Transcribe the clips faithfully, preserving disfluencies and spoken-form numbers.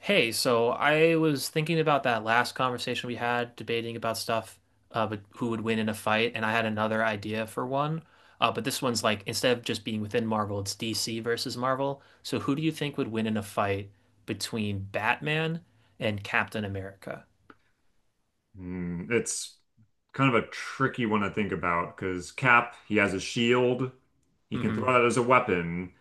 Hey, so I was thinking about that last conversation we had, debating about stuff, uh, but who would win in a fight, and I had another idea for one. Uh, but this one's like instead of just being within Marvel, it's D C versus Marvel. So who do you think would win in a fight between Batman and Captain America? Hmm, it's kind of a tricky one to think about because Cap, he has a shield. He can Hmm. throw that as a weapon.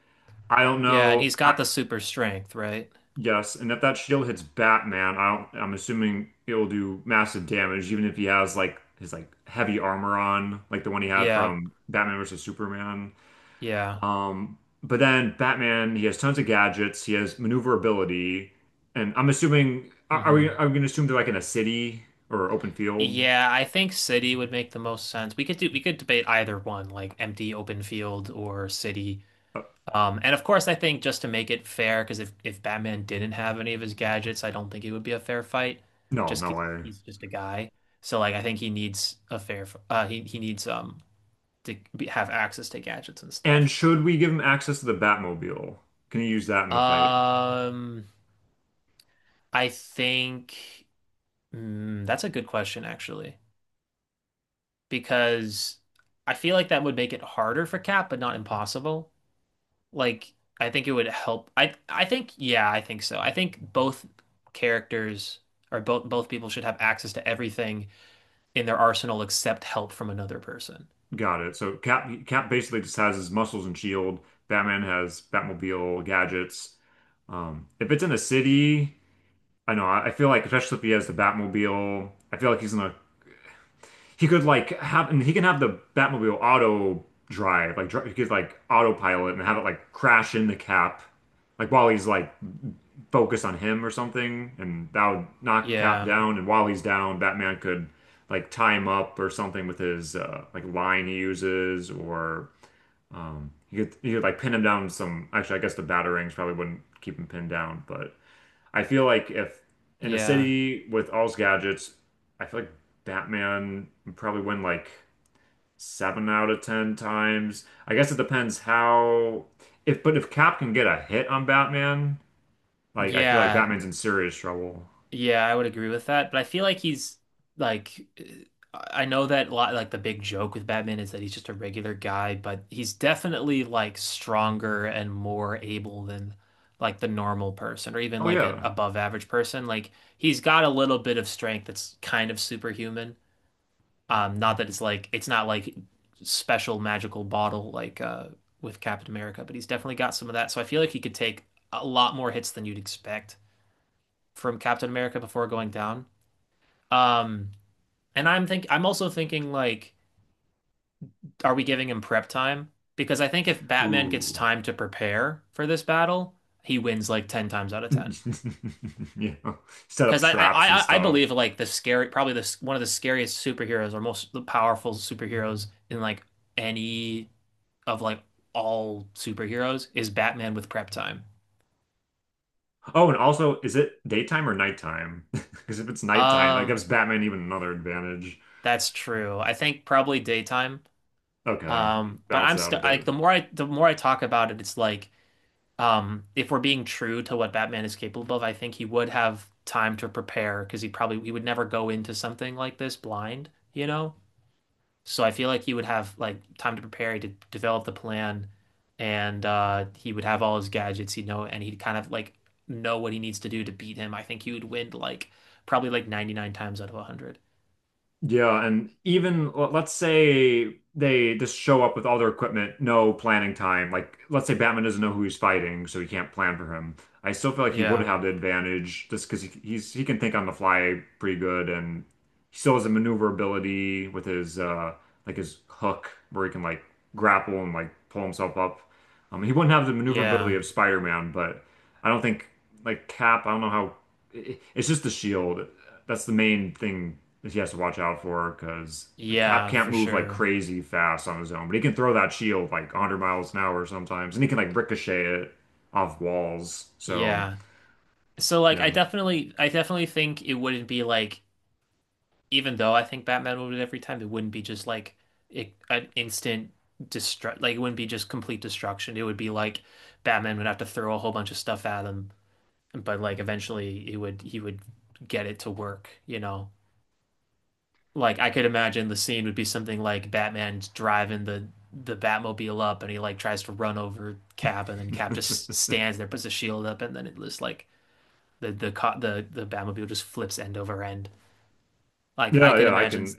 I don't Yeah, and know. he's I, got the super strength, right? yes, and if that shield hits Batman, I don't, I'm assuming it'll do massive damage, even if he has like his like heavy armor on, like the one he had Yeah, from Batman versus Superman. yeah. Um, but then Batman, he has tons of gadgets. He has maneuverability, and I'm assuming are, are we Hmm. are we going to assume they're like in a city or open field? Yeah, I think City would make the most sense. We could do we could debate either one, like empty open field or City. Uh, Um, and of course, I think just to make it fair, because if, if Batman didn't have any of his gadgets, I don't think it would be a fair fight. No, Just no 'cause way. he's just a guy, so like I think he needs a fair. f- Uh, he he needs um to be, have access to gadgets and And stuff. should we give him access to the Batmobile? Can he use that in the fight? Um, I think mm, that's a good question actually, because I feel like that would make it harder for Cap, but not impossible. Like I think it would help. I I think yeah, I think so. I think both characters or both both people should have access to everything in their arsenal except help from another person. Got it. So Cap Cap basically just has his muscles and shield. Batman has Batmobile gadgets. Um, if it's in a city, I know. I, I feel like especially if he has the Batmobile, I feel like he's gonna. He could like have and he can have the Batmobile auto drive, like dri he could like autopilot and have it like crash into Cap, like while he's like focus on him or something, and that would knock Cap Yeah. down. And while he's down, Batman could like tie him up or something with his uh, like line he uses, or um, he could he could like pin him down. With some actually, I guess the batarangs probably wouldn't keep him pinned down, but I feel like if in a Yeah. city with all his gadgets, I feel like Batman would probably win like seven out of ten times. I guess it depends how. If but if Cap can get a hit on Batman, like I feel like Yeah. Batman's in serious trouble. Yeah, I would agree with that, but I feel like he's like I know that a lot like the big joke with Batman is that he's just a regular guy, but he's definitely like stronger and more able than like the normal person or even Oh like an yeah. above average person. Like he's got a little bit of strength that's kind of superhuman. Um, not that it's like it's not like special magical bottle like uh with Captain America, but he's definitely got some of that. So I feel like he could take a lot more hits than you'd expect from Captain America before going down. Um, and I'm think I'm also thinking like, are we giving him prep time? Because I think if Batman gets Ooh. time to prepare for this battle, he wins like ten times out of ten. Yeah. Set up Because I, traps and I I believe stuff. like the scary probably the one of the scariest superheroes or most powerful superheroes in like any of like all superheroes is Batman with prep time. Oh, and also, is it daytime or nighttime? Because if it's nighttime, that Um, gives Batman even another advantage. that's true. I think probably daytime. Okay, Um, but balance I'm it out a still bit. like the more I the more I talk about it, it's like Um, if we're being true to what Batman is capable of, I think he would have time to prepare because he probably he would never go into something like this blind, you know? So I feel like he would have like time to prepare, he would develop the plan, and uh he would have all his gadgets, he'd know, and he'd kind of like know what he needs to do to beat him. I think he would win like probably like ninety-nine times out of one hundred. Yeah, and even l- let's say they just show up with all their equipment, no planning time. Like, let's say Batman doesn't know who he's fighting, so he can't plan for him. I still feel like he would Yeah. have the advantage just because he, he's he can think on the fly pretty good, and he still has the maneuverability with his uh like his hook where he can like grapple and like pull himself up. Um, he wouldn't have the maneuverability Yeah. of Spider-Man, but I don't think like Cap, I don't know how it, it's just the shield. That's the main thing that he has to watch out for because like Cap Yeah, can't for move like sure. crazy fast on his own, but he can throw that shield like a hundred miles an hour sometimes, and he can like ricochet it off walls. So, Yeah. So like you I know. definitely I definitely think it wouldn't be like even though I think Batman would every time, it wouldn't be just like it, an instant destruct. Like it wouldn't be just complete destruction. It would be like Batman would have to throw a whole bunch of stuff at him, but like eventually he would he would get it to work. You know, like I could imagine the scene would be something like Batman's driving the the Batmobile up, and he like tries to run over Cap, and then Cap just stands there, puts a shield up, and then it just like the the the the Batmobile just flips end over end. Like I Yeah, could yeah, I imagine, can.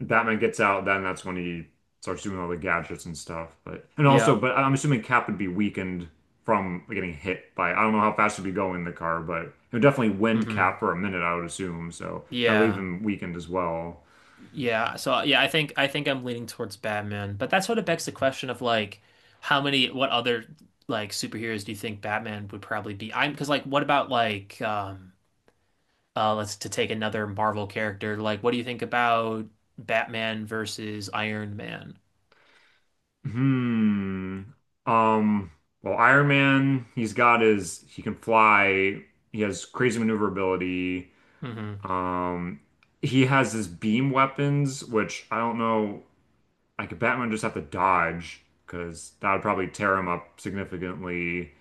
Batman gets out, then that's when he starts doing all the gadgets and stuff. But and also, yeah. but I'm assuming Cap would be weakened from getting hit by. I don't know how fast he'd be going in the car, but it would definitely wind Hmm. Cap for a minute, I would assume. So that'll leave Yeah. him weakened as well. Yeah. So yeah, I think I think I'm leaning towards Batman, but that sort of begs the question of like how many what other like superheroes do you think Batman would probably be? I'm because like what about like um uh let's to take another Marvel character, like what do you think about Batman versus Iron Man? Hmm. Um. Well, Iron Man, he's got his. He can fly. He has crazy maneuverability. Mm-hmm. Um. He has his beam weapons, which I don't know. Like Batman just have to dodge because that would probably tear him up significantly.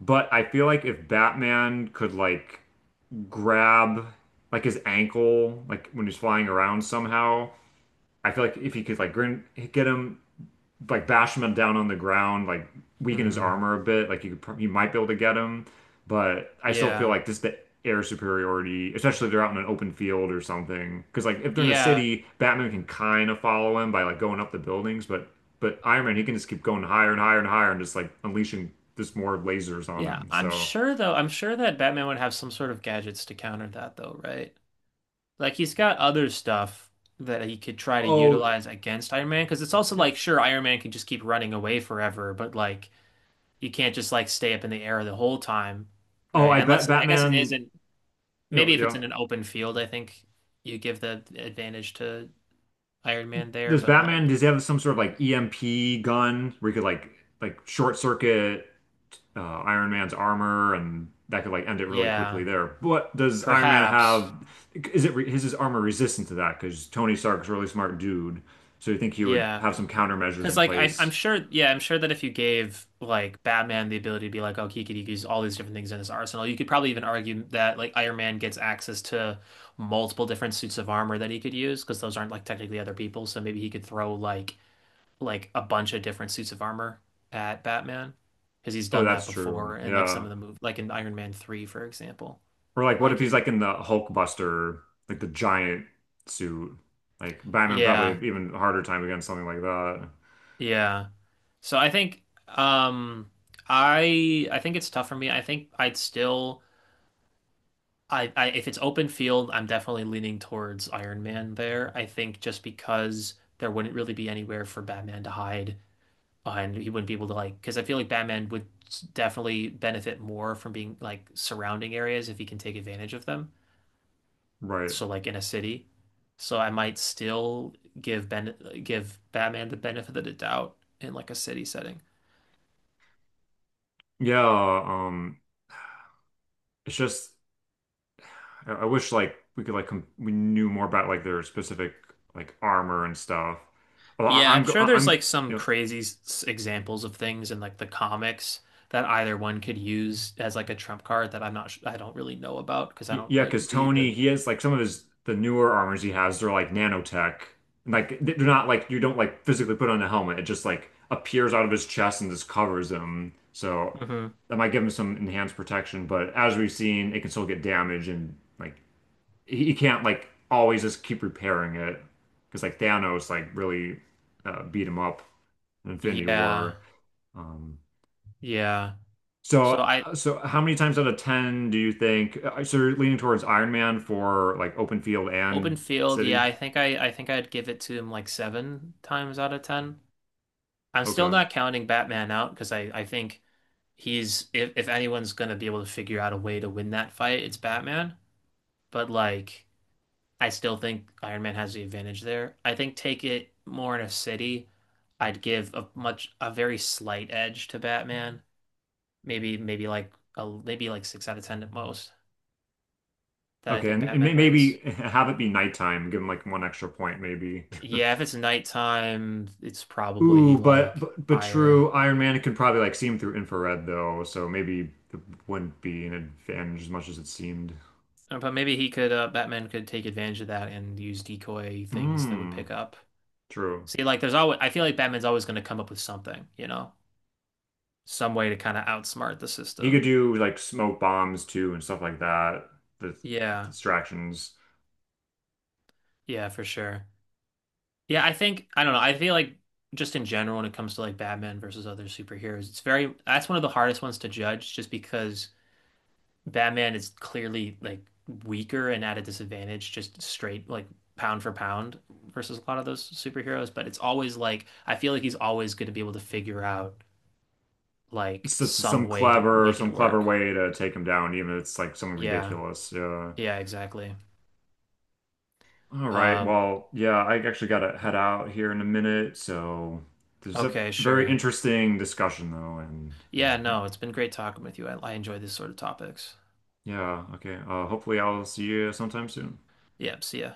But I feel like if Batman could like grab like his ankle, like when he's flying around somehow, I feel like if he could like grin- get him like bash him down on the ground, like weaken his Mm-hmm. armor a bit. Like you could, you might be able to get him, but I still feel Yeah. like just the air superiority, especially if they're out in an open field or something. Because like if they're in a Yeah. city, Batman can kind of follow him by like going up the buildings, but but Iron Man he can just keep going higher and higher and higher and just like unleashing just more lasers on Yeah. him. I'm So sure though, I'm sure that Batman would have some sort of gadgets to counter that though, right? Like he's got other stuff that he could try to Oh, utilize against Iron Man, because it's also like sure Iron Man can just keep running away forever, but like you can't just like stay up in the air the whole time, oh, right? I Unless bet it, I guess it Batman. isn't. You Maybe know, if it's yeah. in an open field, I think you give the advantage to Iron Man there, Does but Batman, like does he have some sort of like E M P gun where he could like like short circuit uh, Iron Man's armor and that could like end it really yeah, quickly there. But does Iron Man have perhaps is it re- is his armor resistant to that? Because Tony Stark's a really smart dude, so you think he would yeah. have some countermeasures Because in like I, I'm place? sure, yeah, I'm sure that if you gave like Batman the ability to be like, oh, he could use all these different things in his arsenal, you could probably even argue that like Iron Man gets access to multiple different suits of armor that he could use because those aren't like technically other people. So maybe he could throw like like a bunch of different suits of armor at Batman because he's Oh, done that that's true. before in like some of Yeah. the movies, like in Iron Man three, for example. Or like, what Like if he's he, like in the Hulk Buster, like the giant suit? Like Batman probably yeah, have even harder time against something like that. yeah. So I think, um, I I think it's tough for me. I think I'd still. I, I if it's open field, I'm definitely leaning towards Iron Man there. I think just because there wouldn't really be anywhere for Batman to hide, uh, and he wouldn't be able to like, because I feel like Batman would s- definitely benefit more from being like surrounding areas if he can take advantage of them. Right. So like in a city. So I might still give Ben give Batman the benefit of the doubt in like a city setting. Yeah. Um. It's just I, I wish like we could like com we knew more about like their specific like armor and stuff. Well, I, Yeah, I'm I'm go- sure I- there's I'm go- like some you know crazy s- examples of things in like the comics that either one could use as like a trump card that I'm not, sh- I don't really know about because I y- don't yeah, like because read the. Tony he has like some of his the newer armors he has they're like nanotech like they're not like you don't like physically put on a helmet it just like appears out of his chest and just covers him. So Mhm. that might give him some enhanced protection, but as we've seen, it can still get damaged and like he, he can't like always just keep repairing it because like Thanos like really uh, beat him up in Infinity Yeah, War. Um, yeah. So so I uh, so how many times out of ten do you think uh, so you're leaning towards Iron Man for like open field open and field. Yeah, city? I think I, I think I'd give it to him like seven times out of ten. I'm still Okay. not counting Batman out because I, I think he's if if anyone's gonna be able to figure out a way to win that fight, it's Batman. But like. I still think Iron Man has the advantage there. I think take it more in a city, I'd give a much a very slight edge to Batman. Maybe maybe like a maybe like six out of ten at most that I Okay, think and, and Batman may- wins. maybe have it be nighttime, give him like one extra point, maybe. Yeah, if it's nighttime, it's probably Ooh, but, like but but higher. true, Iron Man could probably like see him through infrared though, so maybe it wouldn't be an advantage as much as it seemed. Uh, But maybe he could uh, Batman could take advantage of that and use decoy things that would Hmm. pick up. True. See, like there's always I feel like Batman's always going to come up with something, you know, some way to kind of outsmart the He could system. do like smoke bombs too and stuff like that. The Yeah. distractions. Yeah, for sure. Yeah, I think I don't know. I feel like just in general when it comes to like Batman versus other superheroes, it's very that's one of the hardest ones to judge just because Batman is clearly like weaker and at a disadvantage just straight like pound for pound versus a lot of those superheroes, but it's always like I feel like he's always going to be able to figure out like It's just some some way to clever, make it some clever work. way to take him down, even if it's like something Yeah. ridiculous. Yeah. Yeah, exactly. All right. Uh, Well, yeah, I actually gotta head out here in a minute. So this is a okay, very sure. interesting discussion though, and uh, Yeah, ho- no, it's been great talking with you. I, I enjoy these sort of topics. yeah, okay. Uh, hopefully I'll see you sometime soon. Yeah, see ya.